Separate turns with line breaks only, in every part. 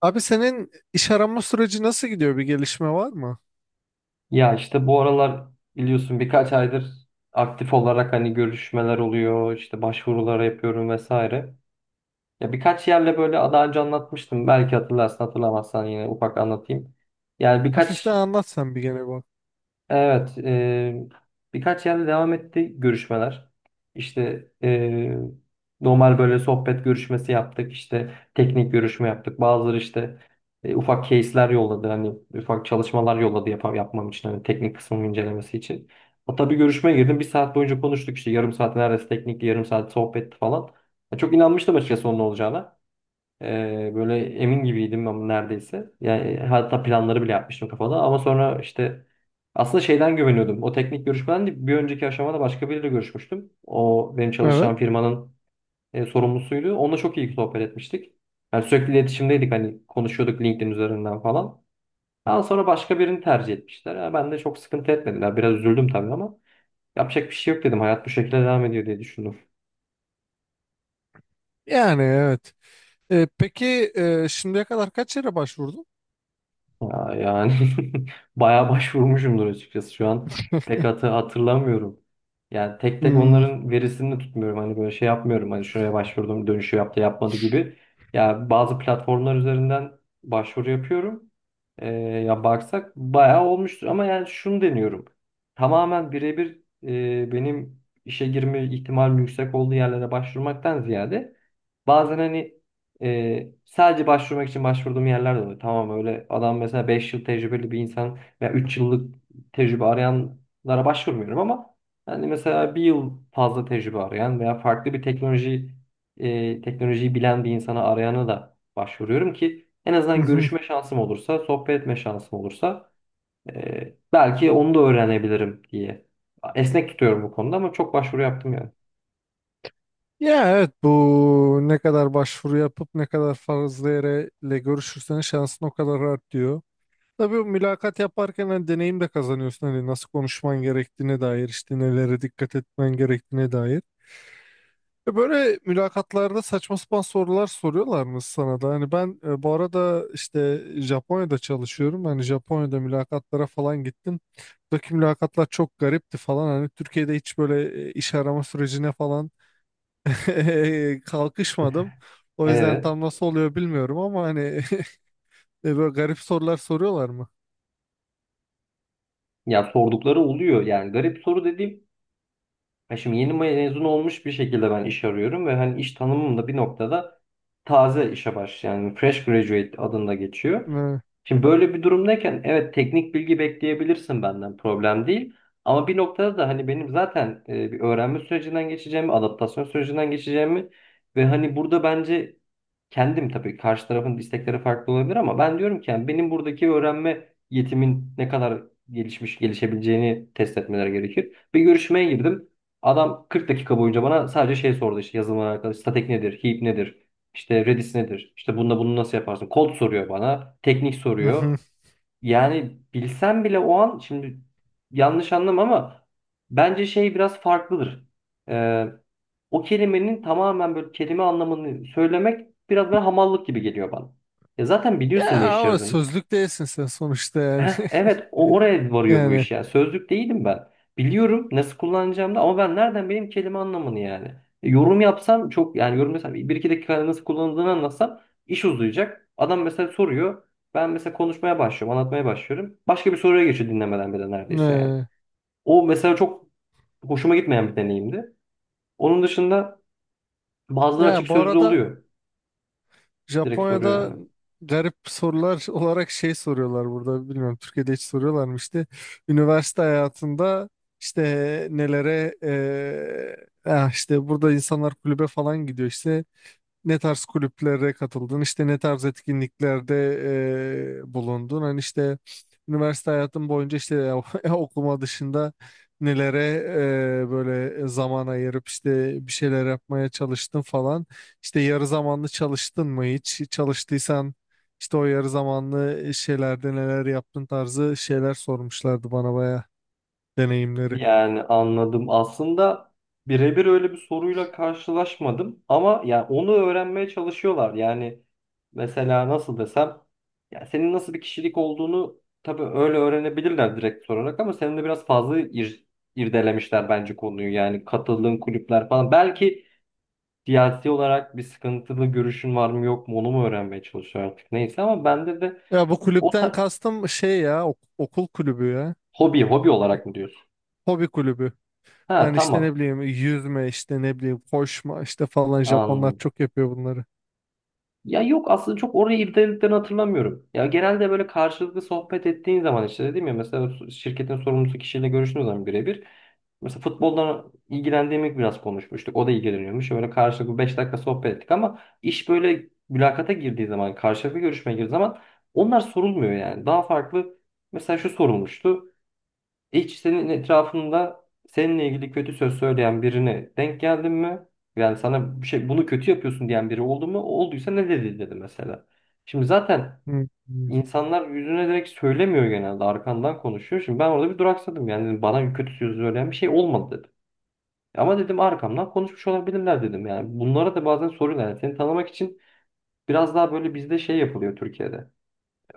Abi senin iş arama süreci nasıl gidiyor? Bir gelişme var mı?
Ya işte bu aralar biliyorsun birkaç aydır aktif olarak hani görüşmeler oluyor, işte başvurular yapıyorum vesaire. Ya birkaç yerle böyle daha önce anlatmıştım. Belki hatırlarsın, hatırlamazsan yine ufak anlatayım. Yani
Hafiften
birkaç
anlat sen bir gene bak.
Evet. Birkaç yerde devam etti görüşmeler. İşte, normal böyle sohbet görüşmesi yaptık, işte teknik görüşme yaptık. Bazıları işte ufak case'ler yolladı, hani ufak çalışmalar yolladı yapmam için, hani teknik kısmının incelemesi için. Hatta bir görüşmeye girdim, bir saat boyunca konuştuk işte yarım saat neredeyse teknikli, yarım saat sohbetti falan. Ya çok inanmıştım açıkçası onun olacağına. Böyle emin gibiydim ama neredeyse. Yani hatta planları bile yapmıştım kafada ama sonra işte aslında şeyden güveniyordum. O teknik görüşmeden değil, bir önceki aşamada başka biriyle görüşmüştüm. O benim
Evet.
çalışacağım firmanın sorumlusuydu. Onunla çok iyi sohbet etmiştik. Yani sürekli iletişimdeydik hani konuşuyorduk LinkedIn üzerinden falan. Daha sonra başka birini tercih etmişler. Yani ben de çok sıkıntı etmediler. Biraz üzüldüm tabii ama yapacak bir şey yok dedim. Hayat bu şekilde devam ediyor diye düşündüm.
Yani evet. Peki şimdiye kadar kaç yere başvurdun?
Ya yani bayağı başvurmuşumdur açıkçası şu an. Pek hatırlamıyorum. Yani tek tek
Hmm,
onların verisini de tutmuyorum. Hani böyle şey yapmıyorum. Hani şuraya başvurdum, dönüşü yaptı, yapmadı gibi. Ya bazı platformlar üzerinden başvuru yapıyorum. Ya baksak bayağı olmuştur ama yani şunu deniyorum. Tamamen birebir benim işe girme ihtimalim yüksek olduğu yerlere başvurmaktan ziyade bazen hani sadece başvurmak için başvurduğum yerler de oluyor. Tamam öyle adam mesela 5 yıl tecrübeli bir insan veya 3 yıllık tecrübe arayanlara başvurmuyorum ama yani mesela bir yıl fazla tecrübe arayan veya farklı bir teknolojiyi bilen bir arayana da başvuruyorum ki en azından
mhm.
görüşme şansım olursa, sohbet etme şansım olursa belki onu da öğrenebilirim diye. Esnek tutuyorum bu konuda ama çok başvuru yaptım yani.
Ya evet, bu ne kadar başvuru yapıp ne kadar fazla yereyle görüşürsen şansın o kadar artıyor. Tabii bu mülakat yaparken hani deneyim de kazanıyorsun. Hani nasıl konuşman gerektiğine dair, işte nelere dikkat etmen gerektiğine dair. Böyle mülakatlarda saçma sapan sorular soruyorlar mı sana da? Hani ben bu arada işte Japonya'da çalışıyorum. Hani Japonya'da mülakatlara falan gittim. Buradaki mülakatlar çok garipti falan. Hani Türkiye'de hiç böyle iş arama sürecine falan kalkışmadım. O yüzden
Evet.
tam nasıl oluyor bilmiyorum ama hani böyle garip sorular soruyorlar mı?
Ya sordukları oluyor yani garip soru dediğim. Ya şimdi yeni mezun olmuş bir şekilde ben iş arıyorum ve hani iş tanımım da bir noktada taze işe yani fresh graduate adında geçiyor.
Evet.
Şimdi böyle bir durumdayken evet teknik bilgi bekleyebilirsin benden, problem değil. Ama bir noktada da hani benim zaten bir öğrenme sürecinden geçeceğimi, adaptasyon sürecinden geçeceğimi ve hani burada bence kendim tabii karşı tarafın istekleri farklı olabilir ama ben diyorum ki yani benim buradaki öğrenme yetimin ne kadar gelişmiş gelişebileceğini test etmeleri gerekir. Bir görüşmeye girdim. Adam 40 dakika boyunca bana sadece şey sordu işte yazılımla alakalı. Statik nedir? Heap nedir? İşte Redis nedir? İşte bununla bunu nasıl yaparsın? Kod soruyor bana. Teknik
Hı hı.
soruyor. Yani bilsem bile o an şimdi yanlış anlama ama bence şey biraz farklıdır. Ee, O kelimenin tamamen böyle kelime anlamını söylemek biraz böyle hamallık gibi geliyor bana. Ya zaten biliyorsun ne
Ya
iş
o
yaradığını.
sözlük değilsin sen sonuçta yani.
Heh, evet o oraya varıyor bu
Yani.
iş ya. Sözlük değilim ben. Biliyorum nasıl kullanacağımı da ama ben nereden benim kelime anlamını yani. Yorum yapsam çok yani yorum mesela bir iki dakika nasıl kullanıldığını anlatsam iş uzayacak. Adam mesela soruyor. Ben mesela konuşmaya başlıyorum, anlatmaya başlıyorum. Başka bir soruya geçiyor dinlemeden bile neredeyse yani.
e,
O mesela çok hoşuma gitmeyen bir deneyimdi. Onun dışında bazıları açık
Ya bu
sözlü
arada
oluyor. Direkt soruyor
Japonya'da
yani.
garip sorular olarak şey soruyorlar, burada bilmiyorum Türkiye'de hiç soruyorlar mı işte, üniversite hayatında işte nelere ah işte burada insanlar kulübe falan gidiyor, işte ne tarz kulüplere katıldın, işte ne tarz etkinliklerde bulundun. Hani işte üniversite hayatın boyunca işte okuma dışında nelere böyle zaman ayırıp işte bir şeyler yapmaya çalıştın falan. İşte yarı zamanlı çalıştın mı hiç? Çalıştıysan işte o yarı zamanlı şeylerde neler yaptın tarzı şeyler sormuşlardı bana bayağı deneyimleri.
Yani anladım. Aslında birebir öyle bir soruyla karşılaşmadım ama yani onu öğrenmeye çalışıyorlar. Yani mesela nasıl desem, ya senin nasıl bir kişilik olduğunu tabii öyle öğrenebilirler direkt sorarak ama senin de biraz fazla irdelemişler bence konuyu. Yani katıldığın kulüpler falan. Belki siyasi olarak bir sıkıntılı görüşün var mı yok mu onu mu öğrenmeye çalışıyor artık neyse ama bende de
Ya bu
o
kulüpten
ta-
kastım şey, ya okul kulübü ya.
hobi hobi olarak mı diyorsun?
Hobi kulübü.
Ha,
Hani işte ne
tamam.
bileyim yüzme, işte ne bileyim koşma işte falan, Japonlar
Anladım.
çok yapıyor bunları.
Ya yok aslında çok oraya irdelediklerini hatırlamıyorum. Ya genelde böyle karşılıklı sohbet ettiğin zaman işte dedim ya mesela şirketin sorumlusu kişiyle görüştüğün zaman birebir mesela futboldan ilgilendiğimi biraz konuşmuştuk. O da ilgileniyormuş. Böyle karşılıklı 5 dakika sohbet ettik ama iş böyle mülakata girdiği zaman, karşılıklı görüşmeye girdiği zaman onlar sorulmuyor yani. Daha farklı, mesela şu sorulmuştu. Hiç senin etrafında seninle ilgili kötü söz söyleyen birine denk geldin mi? Yani sana bir şey, bunu kötü yapıyorsun diyen biri oldu mu? Olduysa ne dedi dedi mesela. Şimdi zaten
Hı.
insanlar yüzüne direkt söylemiyor, genelde arkandan konuşuyor. Şimdi ben orada bir duraksadım yani dedim, bana kötü söz söyleyen bir şey olmadı dedim. Ama dedim arkamdan konuşmuş olabilirler dedim yani. Bunlara da bazen soruyorlar. Yani seni tanımak için biraz daha böyle bizde şey yapılıyor, Türkiye'de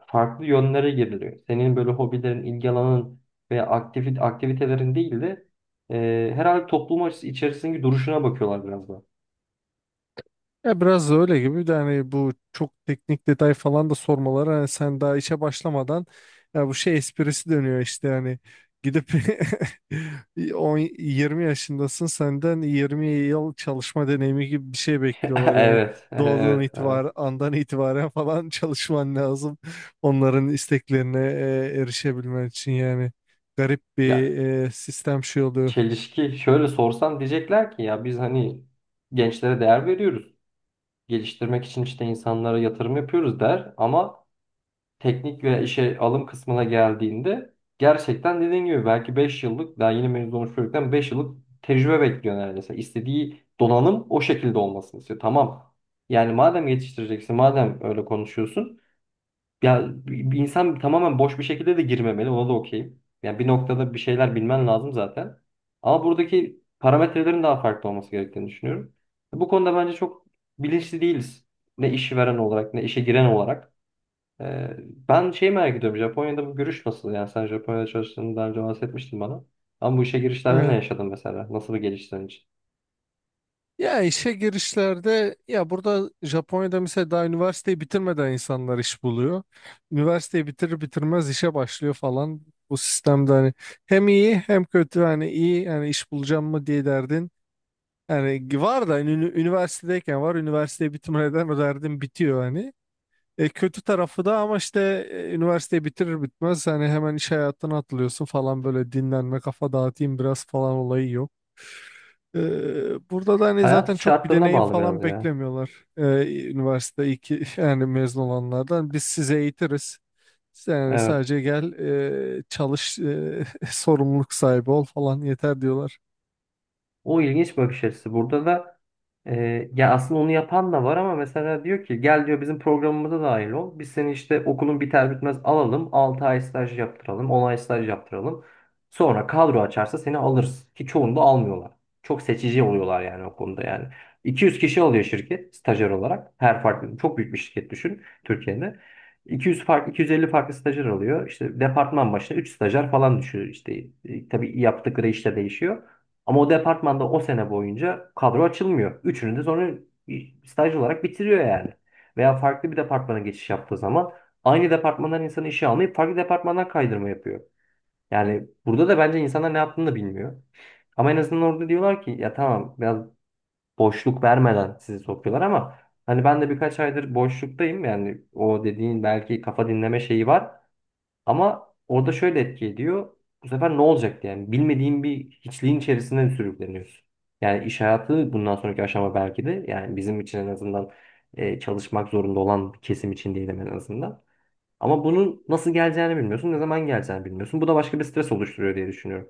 farklı yönlere giriliyor. Senin böyle hobilerin, ilgi alanın veya aktivitelerin değil de herhalde toplum açısı içerisindeki duruşuna bakıyorlar biraz da.
Ya biraz da öyle gibi de, hani bu çok teknik detay falan da sormaları, hani sen daha işe başlamadan ya bu şey esprisi dönüyor işte, hani gidip 10 20 yaşındasın, senden 20 yıl çalışma deneyimi gibi bir şey bekliyorlar yani.
Evet,
Doğduğun
evet, evet.
itibar andan itibaren falan çalışman lazım onların isteklerine erişebilmen için yani. Garip
Ya
bir sistem şey oluyor.
çelişki şöyle, sorsan diyecekler ki ya biz hani gençlere değer veriyoruz. Geliştirmek için işte insanlara yatırım yapıyoruz der ama teknik ve işe alım kısmına geldiğinde gerçekten dediğin gibi belki 5 yıllık daha yeni mezun olmuş çocuktan 5 yıllık tecrübe bekliyor neredeyse. İstediği donanım o şekilde olmasını istiyor. Tamam. Yani madem yetiştireceksin, madem öyle konuşuyorsun, ya bir insan tamamen boş bir şekilde de girmemeli. Ona da okeyim. Yani bir noktada bir şeyler bilmen lazım zaten. Ama buradaki parametrelerin daha farklı olması gerektiğini düşünüyorum. Bu konuda bence çok bilinçli değiliz. Ne işi veren olarak ne işe giren olarak. Ben şeyi merak ediyorum. Japonya'da bu görüş nasıl? Yani sen Japonya'da çalıştığını daha önce bahsetmiştin bana. Ama bu işe girişlerde ne yaşadın mesela? Nasıl bir gelişti senin için?
Ya işe girişlerde, ya burada Japonya'da mesela daha üniversiteyi bitirmeden insanlar iş buluyor. Üniversiteyi bitirir bitirmez işe başlıyor falan. Bu sistemde hani hem iyi hem kötü, hani iyi, yani iş bulacağım mı diye derdin. Yani var da hani üniversitedeyken var, üniversiteyi bitirmeden o derdin bitiyor hani. Kötü tarafı da ama işte üniversiteyi bitirir bitmez hani hemen iş hayatına atılıyorsun falan, böyle dinlenme, kafa dağıtayım biraz falan olayı yok. Burada da hani
Hayat
zaten çok bir
şartlarına
deneyim
bağlı biraz
falan
ya.
beklemiyorlar. Üniversite iki yani mezun olanlardan biz sizi eğitiriz. Sen yani
Evet.
sadece gel, çalış, sorumluluk sahibi ol falan yeter diyorlar.
O ilginç bakış açısı. Burada da ya aslında onu yapan da var ama mesela diyor ki gel diyor bizim programımıza dahil ol. Biz seni işte okulun biter bitmez alalım. 6 ay staj yaptıralım. 10 ay staj yaptıralım. Sonra kadro açarsa seni alırız. Ki çoğunu da almıyorlar. Çok seçici oluyorlar yani o konuda yani. 200 kişi alıyor şirket stajyer olarak. Her farklı çok büyük bir şirket düşün Türkiye'de. 200 farklı 250 farklı stajyer alıyor. İşte departman başına 3 stajyer falan düşüyor. İşte tabii yaptıkları işte değişiyor. Ama o departmanda o sene boyunca kadro açılmıyor. Üçünü de sonra staj olarak bitiriyor yani. Veya farklı bir departmana geçiş yaptığı zaman aynı departmandan insanı işe almayıp farklı departmandan kaydırma yapıyor. Yani burada da bence insanlar ne yaptığını da bilmiyor. Ama en azından orada diyorlar ki ya tamam, biraz boşluk vermeden sizi sokuyorlar ama hani ben de birkaç aydır boşluktayım yani, o dediğin belki kafa dinleme şeyi var. Ama orada şöyle etki ediyor. Bu sefer ne olacak diye. Yani bilmediğin bir hiçliğin içerisinde sürükleniyorsun. Yani iş hayatı bundan sonraki aşama belki de yani bizim için en azından çalışmak zorunda olan bir kesim için, değilim en azından. Ama bunun nasıl geleceğini bilmiyorsun, ne zaman geleceğini bilmiyorsun. Bu da başka bir stres oluşturuyor diye düşünüyorum.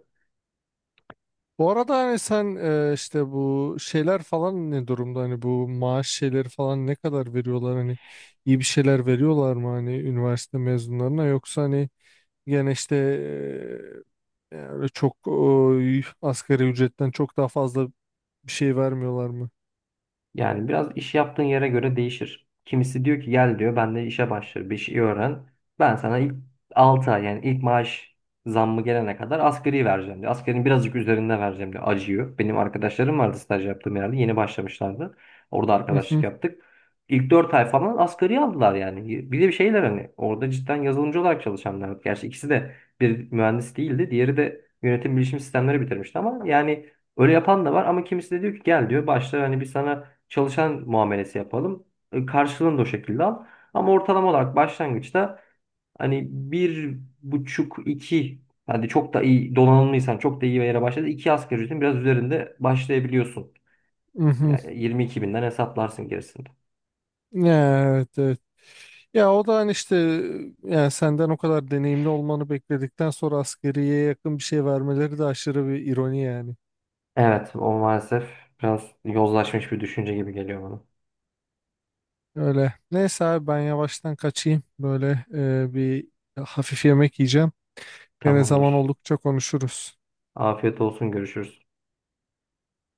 Bu arada hani sen işte bu şeyler falan ne durumda, hani bu maaş şeyleri falan ne kadar veriyorlar, hani iyi bir şeyler veriyorlar mı hani üniversite mezunlarına, yoksa hani gene işte yani çok asgari ücretten çok daha fazla bir şey vermiyorlar mı?
Yani biraz iş yaptığın yere göre değişir. Kimisi diyor ki gel diyor ben de işe başlar bir şey öğren. Ben sana ilk 6 ay yani ilk maaş zammı gelene kadar asgari vereceğim diyor. Asgarinin birazcık üzerinde vereceğim diyor. Acıyor. Benim arkadaşlarım vardı staj yaptığım yerde yeni başlamışlardı. Orada
Hı
arkadaşlık
hı,
yaptık. İlk 4 ay falan asgari aldılar yani. Bir de bir şeyler hani orada cidden yazılımcı olarak çalışanlar. Gerçi ikisi de bir mühendis değildi. Diğeri de yönetim bilişim sistemleri bitirmişti ama yani öyle yapan da var ama kimisi de diyor ki gel diyor başla hani bir sana çalışan muamelesi yapalım. Karşılığını da o şekilde al. Ama ortalama olarak başlangıçta hani bir buçuk iki, hadi çok da iyi donanımlıysan çok da iyi bir yere başladı, iki asgari ücretin biraz üzerinde başlayabiliyorsun.
mhm.
Yani 22.000'den hesaplarsın gerisinde.
Evet, evet. Ya o da hani işte, yani senden o kadar deneyimli olmanı bekledikten sonra askeriyeye yakın bir şey vermeleri de aşırı bir ironi yani.
Evet o maalesef biraz yozlaşmış bir düşünce gibi geliyor bana.
Öyle. Neyse abi ben yavaştan kaçayım. Böyle bir hafif yemek yiyeceğim. Gene zaman
Tamamdır.
oldukça konuşuruz.
Afiyet olsun, görüşürüz.